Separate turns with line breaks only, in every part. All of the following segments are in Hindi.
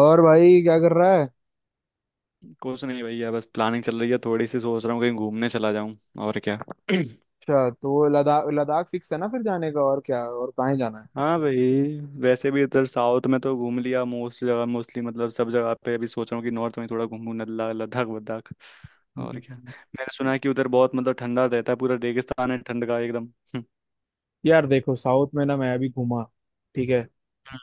और भाई क्या कर रहा है?
कुछ नहीं भैया, बस प्लानिंग चल रही है। थोड़ी सी सोच रहा हूँ कहीं घूमने चला जाऊं। और क्या।
अच्छा, तो वो लद्दाख लद्दाख फिक्स है ना फिर जाने का? और क्या, और कहाँ जाना है?
हाँ भाई, वैसे भी इधर साउथ में तो घूम लिया मोस्ट जगह, मोस्टली मतलब सब जगह पे। अभी सोच रहा हूँ कि नॉर्थ में थोड़ा घूमूं, नल्ला लद्दाख वद्दाख। और क्या,
हम्म।
मैंने सुना है कि उधर बहुत मतलब ठंडा रहता है, पूरा रेगिस्तान है ठंड का एकदम।
यार देखो, साउथ में ना मैं अभी घूमा, ठीक है,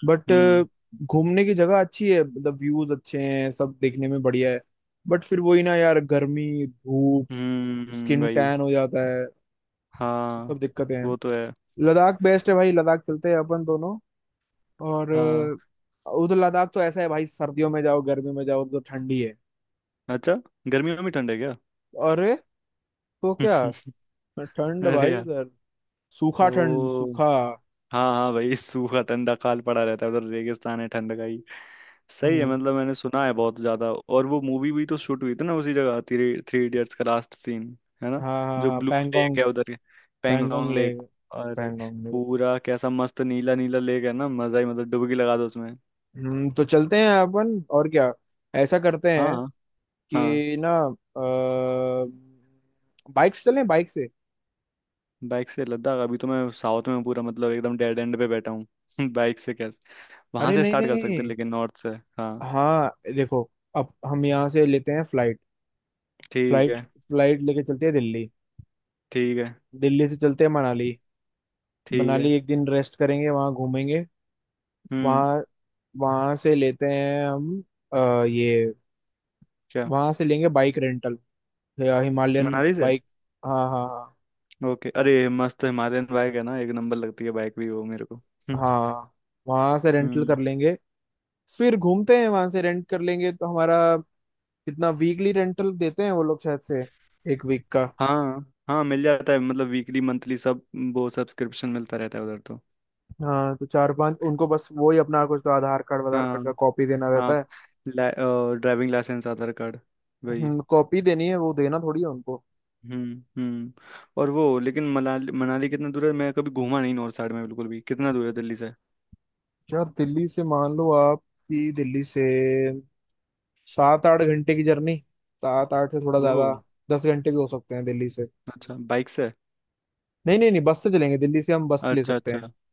बट
हम्म
घूमने की जगह अच्छी है, मतलब व्यूज अच्छे हैं, सब देखने में बढ़िया है। बट फिर वही ना यार, गर्मी धूप, स्किन
भाई।
टैन हो जाता है, सब
हाँ,
दिक्कतें हैं।
वो तो है।
लद्दाख बेस्ट है भाई, लद्दाख चलते हैं अपन दोनों। और
हाँ,
उधर लद्दाख तो ऐसा है भाई, सर्दियों में जाओ गर्मी में जाओ, उधर तो ठंडी है।
अच्छा, गर्मियों में भी ठंड है क्या?
अरे तो क्या, ठंड
अरे
भाई
यार।
उधर, सूखा ठंड
ओ
सूखा।
हाँ हाँ भाई, सूखा ठंडा काल पड़ा रहता है उधर, रेगिस्तान है ठंड का ही। सही है,
हम्म,
मतलब मैंने सुना है बहुत ज्यादा। और वो मूवी भी तो शूट हुई थी ना उसी जगह, थ्री थ्री इडियट्स का लास्ट सीन। है ना?
हाँ हाँ
जो
हाँ,
ब्लू लेक
पैंगोंग।
है उधर,
पैंगोंग
पेंगोंग
ले
लेक। अरे
पैंगोंग ले।
पूरा कैसा मस्त नीला नीला लेक है ना, मजा ही, मतलब डुबकी लगा दो उसमें।
तो चलते हैं अपन, और क्या? ऐसा करते हैं
हाँ हाँ।
कि ना, बाइक से चलें, बाइक से।
बाइक से लद्दाख? अभी तो मैं साउथ में पूरा मतलब एकदम डेड एंड पे बैठा हूँ। बाइक से कैसे? वहां
अरे
से
नहीं
स्टार्ट कर सकते हैं,
नहीं,
लेकिन नॉर्थ से। हाँ।
हाँ देखो, अब हम यहाँ से लेते हैं फ्लाइट।
ठीक
फ्लाइट,
है।
फ्लाइट लेके चलते हैं दिल्ली।
ठीक है।
दिल्ली से चलते हैं मनाली।
ठीक
मनाली
है।
एक दिन रेस्ट करेंगे, वहाँ घूमेंगे।
हम्म।
वहाँ, वहाँ से लेते हैं हम ये,
क्या?
वहाँ से लेंगे बाइक रेंटल, तो या हिमालयन
मनाली से?
बाइक। हाँ हाँ
ओके, अरे मस्त, हिमालयन बाइक है ना, एक नंबर लगती है बाइक भी वो, मेरे को।
हाँ
हम्म।
हाँ, वहां से रेंटल
हम्म,
कर लेंगे, फिर घूमते हैं, वहां से रेंट कर लेंगे तो हमारा। कितना वीकली रेंटल देते हैं वो लोग शायद से, एक वीक का?
हाँ हाँ, मिल जाता है, मतलब वीकली मंथली सब। वो सब्सक्रिप्शन मिलता रहता है उधर तो।
हाँ, तो चार पांच उनको बस वो ही अपना कुछ तो आधार कार्ड वाधार कार्ड का
हाँ
कॉपी देना
हाँ,
रहता है।
ड्राइविंग लाइसेंस, आधार कार्ड, वही।
कॉपी देनी है, वो देना थोड़ी है उनको।
हम्म। और वो लेकिन मनाली मनाली कितना दूर है? मैं कभी घूमा नहीं नॉर्थ साइड में बिल्कुल भी। कितना दूर है दिल्ली से?
यार दिल्ली से मान लो आप कि दिल्ली से 7 8 घंटे की जर्नी, सात आठ से थोड़ा
ओ,
ज्यादा, 10 घंटे भी हो सकते हैं दिल्ली से।
अच्छा, बाइक से?
नहीं नहीं नहीं, बस से चलेंगे, दिल्ली से हम बस ले
अच्छा
सकते
अच्छा।
हैं।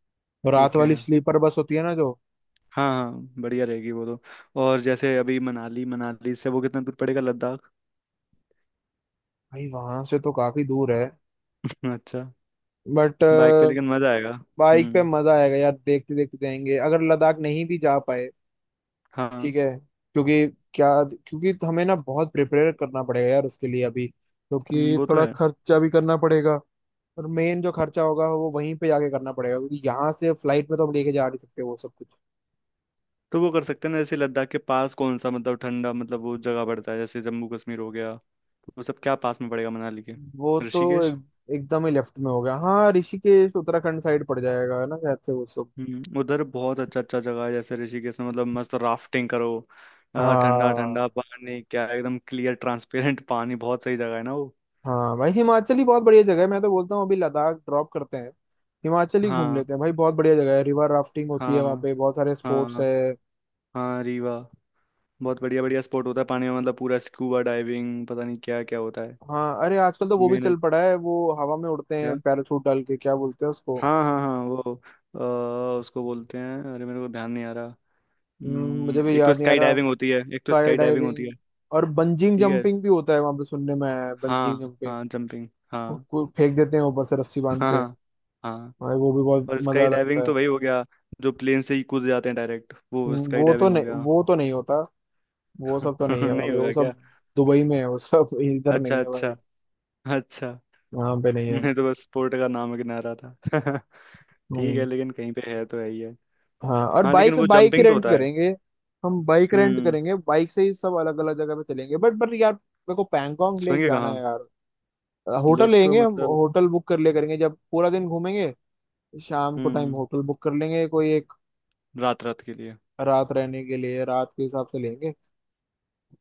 रात
ओके,
वाली स्लीपर बस होती है ना जो।
हाँ हाँ, बढ़िया रहेगी वो तो। और जैसे अभी मनाली मनाली से वो कितना दूर पड़ेगा लद्दाख?
भाई वहां से तो काफी दूर है,
अच्छा,
बट
बाइक पे लेकिन मजा आएगा।
बाइक पे
हम्म।
मजा आएगा यार, देखते देखते जाएंगे, अगर लद्दाख नहीं भी जा पाए
हाँ।
ठीक है। क्योंकि क्या क्योंकि हमें ना बहुत प्रिपेयर करना पड़ेगा यार उसके लिए अभी, क्योंकि
वो तो
थोड़ा
है।
खर्चा भी करना पड़ेगा। और मेन जो खर्चा होगा वो वहीं पे जाके करना पड़ेगा, क्योंकि यहाँ से फ्लाइट में तो हम लेके जा नहीं सकते वो सब कुछ।
तो वो कर सकते हैं ना, जैसे लद्दाख के पास कौन सा मतलब ठंडा, मतलब वो जगह पड़ता है, जैसे जम्मू कश्मीर हो गया। वो सब क्या पास में पड़ेगा मनाली के?
वो तो एक,
ऋषिकेश।
एकदम ही लेफ्ट में हो गया, हाँ, ऋषिकेश उत्तराखंड साइड पड़ जाएगा है ना शायद से वो सब।
हम्म, उधर बहुत अच्छा अच्छा जगह है, जैसे ऋषिकेश में मतलब मस्त राफ्टिंग करो। ठंडा ठंडा
हाँ
पानी, क्या एकदम क्लियर ट्रांसपेरेंट पानी, बहुत सही जगह है ना वो।
हाँ भाई, हिमाचल ही बहुत बढ़िया जगह है, मैं तो बोलता हूँ अभी लद्दाख ड्रॉप करते हैं, हिमाचल ही घूम
हाँ
लेते हैं भाई। बहुत बढ़िया जगह है, रिवर राफ्टिंग होती है वहाँ
हाँ
पे, बहुत सारे स्पोर्ट्स
हाँ।
है।
हाँ रीवा, बहुत बढ़िया बढ़िया स्पॉट होता है पानी में। मतलब पूरा स्कूबा डाइविंग, पता नहीं क्या क्या होता है।
हाँ, अरे आजकल तो वो भी चल
मेहनत।
पड़ा है, वो हवा में उड़ते हैं
क्या?
पैराशूट डाल के, क्या बोलते हैं उसको?
हाँ हाँ हाँ, वो अ, उसको बोलते हैं। अरे मेरे को ध्यान नहीं आ रहा।
मुझे भी
एक तो
याद नहीं आ
स्काई
रहा।
डाइविंग होती है, एक तो
स्काई
स्काई डाइविंग होती है।
डाइविंग। और बंजिंग
ठीक है।
जंपिंग भी होता है वहाँ पे, सुनने में आया है, बंजिंग
हाँ
जंपिंग।
हाँ, जंपिंग,
वो
हाँ।
फेंक देते हैं ऊपर से रस्सी बांध
हाँ
के।
हाँ हाँ।
भाई वो भी बहुत
और
मजा
स्काई
लगता
डाइविंग
है।
तो वही हो गया, जो प्लेन से ही कूद जाते हैं डायरेक्ट, वो स्काई डाइविंग हो गया।
वो तो नहीं होता, वो सब तो नहीं है
नहीं
भाई वो
होगा क्या?
सब, दुबई में है वो सब, इधर
अच्छा
नहीं है
अच्छा
भाई,
अच्छा।
यहाँ पे नहीं है।
मैं तो बस स्पोर्ट का नाम गिना रहा था। ठीक है,
हम्म,
लेकिन कहीं पे है तो है ही है।
हाँ, और
हाँ, लेकिन
बाइक
वो
बाइक ही
जंपिंग तो
रेंट
होता है।
करेंगे, हम बाइक रेंट
हम्म।
करेंगे, बाइक से ही सब अलग अलग जगह पे चलेंगे। बट यार मेरे को पैंगोंग लेक
सोएंगे
जाना
कहाँ?
है यार। होटल
लेक तो
लेंगे हम,
मतलब।
होटल बुक कर ले करेंगे, जब पूरा दिन घूमेंगे, शाम को टाइम
हम्म।
होटल बुक कर लेंगे कोई एक,
रात रात के लिए।
रात रहने के लिए, रात के हिसाब से लेंगे, है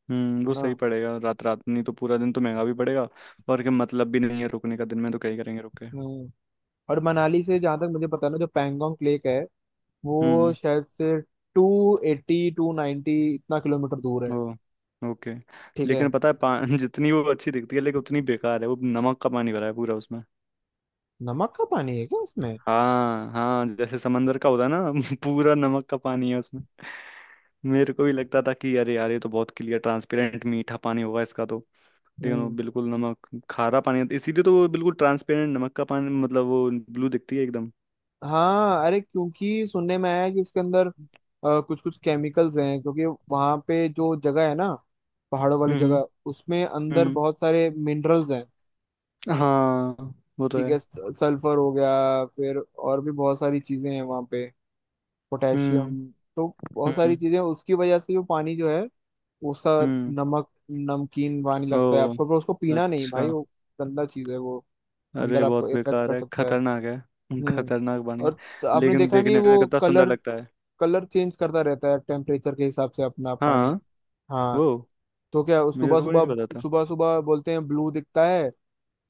हम्म, वो
ना?
सही पड़ेगा, रात रात, नहीं तो पूरा दिन तो महंगा भी पड़ेगा। और क्या मतलब भी नहीं है रुकने का दिन में, तो क्या ही करेंगे रुक के।
हम्म और मनाली से जहाँ तक मुझे पता है ना, जो पैंगोंग लेक है, वो
हम्म।
शायद से 280 290 इतना किलोमीटर दूर है।
ओ, ओके।
ठीक है।
लेकिन पता है पा जितनी वो अच्छी दिखती है लेकिन उतनी बेकार है वो। नमक का पानी भरा है पूरा उसमें।
नमक का पानी है क्या उसमें?
हाँ हाँ, जैसे समंदर का होता है ना। पूरा नमक का पानी है उसमें। मेरे को भी लगता था कि अरे यार, ये तो बहुत क्लियर ट्रांसपेरेंट मीठा पानी होगा इसका तो। लेकिन वो
हम्म,
बिल्कुल नमक, खारा पानी है। इसीलिए तो वो बिल्कुल ट्रांसपेरेंट नमक का पानी, मतलब वो ब्लू दिखती है एकदम।
हाँ, अरे क्योंकि सुनने में आया है कि उसके अंदर कुछ कुछ केमिकल्स हैं, क्योंकि वहां पे जो जगह है ना, पहाड़ों वाली
हम्म हम्म
जगह, उसमें अंदर
हम्म।
बहुत सारे मिनरल्स हैं।
हाँ, वो तो
ठीक है,
है।
सल्फर हो गया फिर और भी बहुत सारी चीजें हैं वहां पे, पोटेशियम,
हम्म
तो बहुत सारी
हम्म
चीजें हैं। उसकी वजह से जो पानी जो है उसका,
हम्म।
नमक नमकीन पानी लगता है
ओ,
आपको, पर उसको पीना नहीं भाई,
अच्छा।
वो गंदा चीज है वो, अंदर
अरे
आपको
बहुत
इफेक्ट
बेकार
कर
है,
सकता है।
खतरनाक है।
हम्म
खतरनाक बानी है।
और आपने
लेकिन
देखा नहीं
देखने में
वो
कितना सुंदर
कलर?
लगता है।
कलर चेंज करता रहता है टेम्परेचर के हिसाब से अपना पानी।
हाँ। ओ,
हाँ, तो क्या,
मेरे
सुबह
को
सुबह,
नहीं पता था।
सुबह सुबह बोलते हैं ब्लू दिखता है,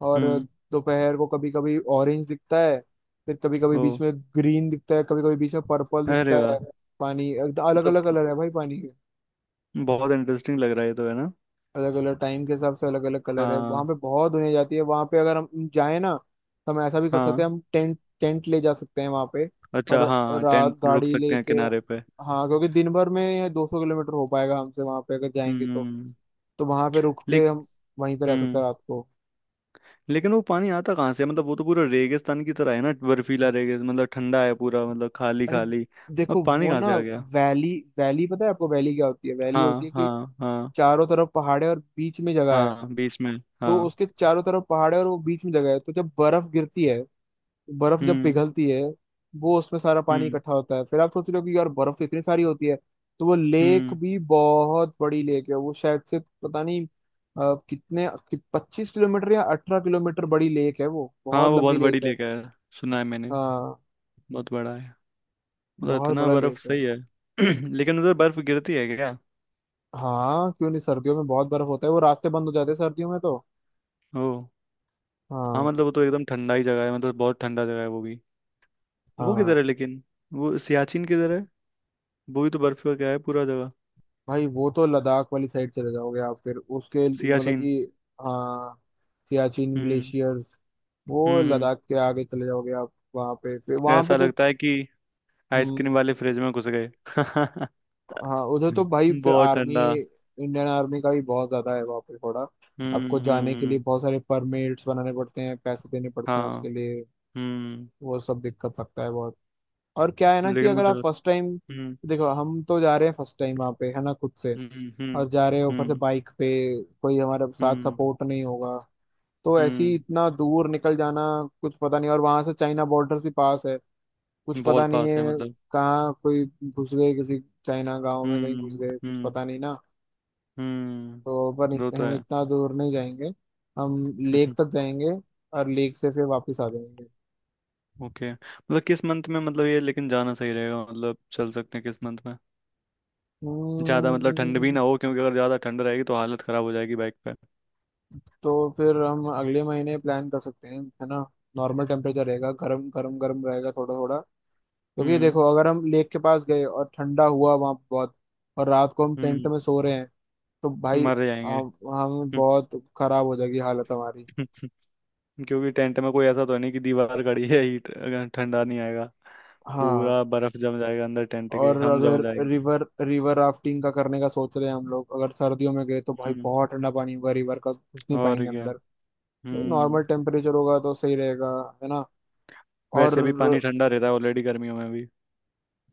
और
हम्म।
दोपहर को कभी कभी ऑरेंज दिखता है, फिर कभी कभी बीच
ओ,
में ग्रीन दिखता है, कभी कभी बीच में पर्पल
अरे
दिखता
वाह।
है। पानी अलग
मतलब
अलग कलर है भाई, पानी
बहुत इंटरेस्टिंग लग रहा है ये, तो है ना।
अलग अलग टाइम के हिसाब से अलग अलग कलर है। वहां
हाँ
पे बहुत दुनिया जाती है, वहां पे अगर हम जाए ना, तो हम ऐसा भी कर सकते
हाँ,
हैं, हम टेंट टेंट ले जा सकते हैं वहां पे, और
अच्छा, हाँ
रात
टेंट रुक
गाड़ी
सकते हैं
लेके।
किनारे पे।
हाँ, क्योंकि दिन भर में 200 किलोमीटर हो पाएगा हमसे, वहां पे अगर जाएंगे तो
हम्म।
तो वहां पे रुक के
लिख
हम वहीं पे रह सकते
हम्म।
हैं रात को।
लेकिन वो पानी आता कहाँ से है? मतलब वो तो पूरा रेगिस्तान की तरह है ना, बर्फीला रेगिस्तान, मतलब ठंडा है पूरा, मतलब खाली
अरे
खाली। अब
देखो
पानी
वो
कहाँ से
ना,
आ गया?
वैली, वैली पता है आपको? वैली क्या होती है? वैली होती है
हाँ
कि
हाँ हाँ।
चारों तरफ पहाड़े और बीच में जगह है,
हाँ बीच में।
तो
हाँ।
उसके चारों तरफ पहाड़े और वो बीच में जगह है, तो जब बर्फ गिरती है, बर्फ जब
हम्म
पिघलती है, वो उसमें सारा पानी
हम्म
इकट्ठा होता है। फिर आप सोच रहे हो कि यार बर्फ तो इतनी सारी होती है, तो वो लेक
हम्म।
भी बहुत बड़ी लेक है, वो शायद से पता नहीं कितने 25 किलोमीटर या 18 किलोमीटर बड़ी लेक है, वो
हाँ
बहुत
वो
लंबी
बहुत बड़ी
लेक है।
लेक है, सुना है मैंने,
हाँ,
बहुत बड़ा है। मतलब
बहुत
इतना
बड़ा
बर्फ
लेक है।
सही है। लेकिन उधर बर्फ गिरती है क्या?
हाँ क्यों नहीं, सर्दियों में बहुत बर्फ होता है, वो रास्ते बंद हो जाते हैं सर्दियों में तो।
ओ। हाँ,
हाँ,
मतलब वो तो एकदम ठंडा ही जगह है, मतलब बहुत ठंडा जगह है वो भी। वो किधर
हाँ
है लेकिन, वो सियाचिन किधर है? वो भी तो बर्फ का क्या है पूरा जगह।
भाई वो तो लद्दाख वाली साइड चले जाओगे आप, फिर उसके मतलब
सियाचिन।
कि, हाँ, सियाचिन
हम्म
ग्लेशियर्स, वो
हम्म हम्म।
लद्दाख के आगे चले जाओगे आप, वहाँ पे फिर वहाँ पे
ऐसा
तो।
लगता है कि आइसक्रीम
हम्म,
वाले फ्रिज में घुस गए। हम्म।
हाँ, उधर तो भाई फिर
बहुत
आर्मी,
ठंडा।
इंडियन आर्मी का भी बहुत ज्यादा है वहाँ पे थोड़ा।
हम्म
आपको जाने
हम्म
के लिए
हम्म,
बहुत सारे परमिट्स बनाने पड़ते हैं, पैसे देने पड़ते हैं उसके
हाँ।
लिए,
हम्म।
वो सब दिक्कत लगता है बहुत। और क्या है ना, कि
लेकिन वो
अगर आप
जगह।
फर्स्ट टाइम,
हम्म
देखो हम तो जा रहे हैं फर्स्ट टाइम वहाँ पे है ना खुद से,
हम्म हम्म।
और जा रहे हैं ऊपर से
हम्म
बाइक पे, कोई हमारे साथ
हम्म
सपोर्ट नहीं होगा, तो ऐसे ही
हम्म,
इतना दूर निकल जाना, कुछ पता नहीं, और वहां से चाइना बॉर्डर भी पास है, कुछ पता
बहुत
नहीं
पास है
है
मतलब।
कहाँ कोई घुस गए किसी चाइना गांव में कहीं, घुस
हम्म
गए कुछ
हम्म
पता नहीं ना। तो पर
हम्म। वो तो
हम
है।
इतना दूर नहीं जाएंगे, हम लेक तक जाएंगे, और लेक से फिर वापस आ जाएंगे।
ओके, मतलब किस मंथ में मतलब ये लेकिन जाना सही रहेगा? मतलब चल सकते हैं किस मंथ में, ज्यादा मतलब ठंड भी
हम्म,
ना हो? क्योंकि अगर ज्यादा ठंड रहेगी तो हालत खराब हो जाएगी बाइक पे।
तो फिर हम अगले महीने प्लान कर सकते हैं है ना, नॉर्मल टेम्परेचर रहेगा, गर्म गर्म गर्म रहेगा थोड़ा थोड़ा, क्योंकि
हम्म।
देखो अगर हम लेक के पास गए और ठंडा हुआ वहाँ बहुत, और रात को हम टेंट
हम्म।
में सो रहे हैं तो भाई,
मर जाएंगे।
हम बहुत खराब हो जाएगी हालत हमारी।
क्योंकि टेंट में कोई ऐसा तो नहीं कि दीवार खड़ी है, हीट अगर ठंडा नहीं आएगा,
हाँ,
पूरा बर्फ जम जाएगा अंदर टेंट के,
और
हम जम
अगर
जाएंगे।
रिवर रिवर राफ्टिंग का करने का सोच रहे हैं हम लोग, अगर सर्दियों में गए तो भाई
हम्म।
बहुत ठंडा पानी होगा रिवर का, घुस नहीं
और
पाएंगे
क्या।
अंदर, तो
हम्म,
नॉर्मल टेम्परेचर होगा तो सही रहेगा है ना। और
वैसे भी पानी ठंडा रहता है ऑलरेडी गर्मियों में भी।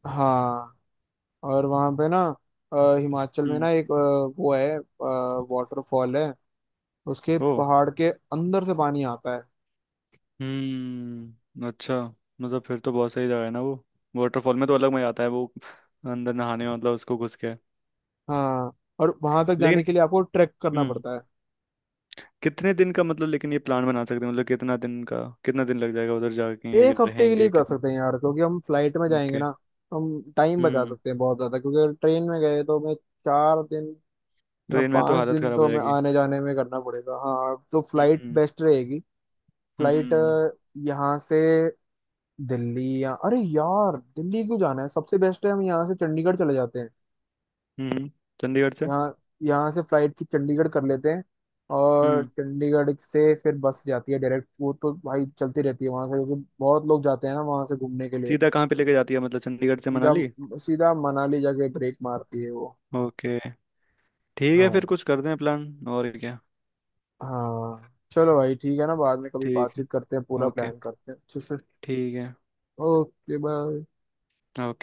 हाँ, और वहाँ पे ना, हिमाचल में
हम्म।
ना एक वो है, वाटरफॉल है, उसके
ओ।
पहाड़ के अंदर से पानी आता है।
हम्म, अच्छा, मतलब फिर तो बहुत सही जगह है ना वो। वाटरफॉल में तो अलग मजा आता है वो, अंदर नहाने में मतलब उसको घुस के।
हाँ, और वहां तक जाने
लेकिन
के लिए आपको ट्रैक करना
हम्म,
पड़ता है।
कितने दिन का मतलब लेकिन ये प्लान बना सकते हैं, मतलब कितना दिन का, कितना दिन लग जाएगा उधर जाके,
एक
ये
हफ्ते के लिए
रहेंगे
कर
कितने?
सकते हैं यार, क्योंकि हम फ्लाइट में जाएंगे
ओके।
ना, तो हम टाइम बचा
हम्म।
सकते हैं बहुत ज्यादा, क्योंकि ट्रेन में गए तो हमें 4 दिन या
ट्रेन में तो
पांच
हालत
दिन
खराब हो
तो हमें
जाएगी।
आने जाने में करना पड़ेगा। हाँ, तो फ्लाइट
हम्म
बेस्ट रहेगी। फ्लाइट
हम्म
यहाँ से दिल्ली या, अरे यार दिल्ली क्यों जाना है, सबसे बेस्ट है हम यहाँ से चंडीगढ़ चले जाते हैं,
हम्म। चंडीगढ़ से?
यहाँ, यहाँ से फ्लाइट की चंडीगढ़ कर लेते हैं, और
हम्म।
चंडीगढ़ से फिर बस जाती है डायरेक्ट, वो तो भाई चलती रहती है वहां से, क्योंकि बहुत लोग जाते हैं ना वहां से घूमने के लिए।
सीधा कहाँ पे लेके जाती है मतलब चंडीगढ़ से
सीधा,
मनाली?
सीधा मनाली जाके ब्रेक मारती है वो।
ओके, ठीक है।
हाँ,
फिर कुछ करते हैं प्लान, और क्या।
हाँ चलो भाई ठीक है ना, बाद में कभी
ठीक है।
बातचीत करते हैं पूरा
ओके।
प्लान करते हैं अच्छे से।
ठीक है।
Okay bye.
ओके।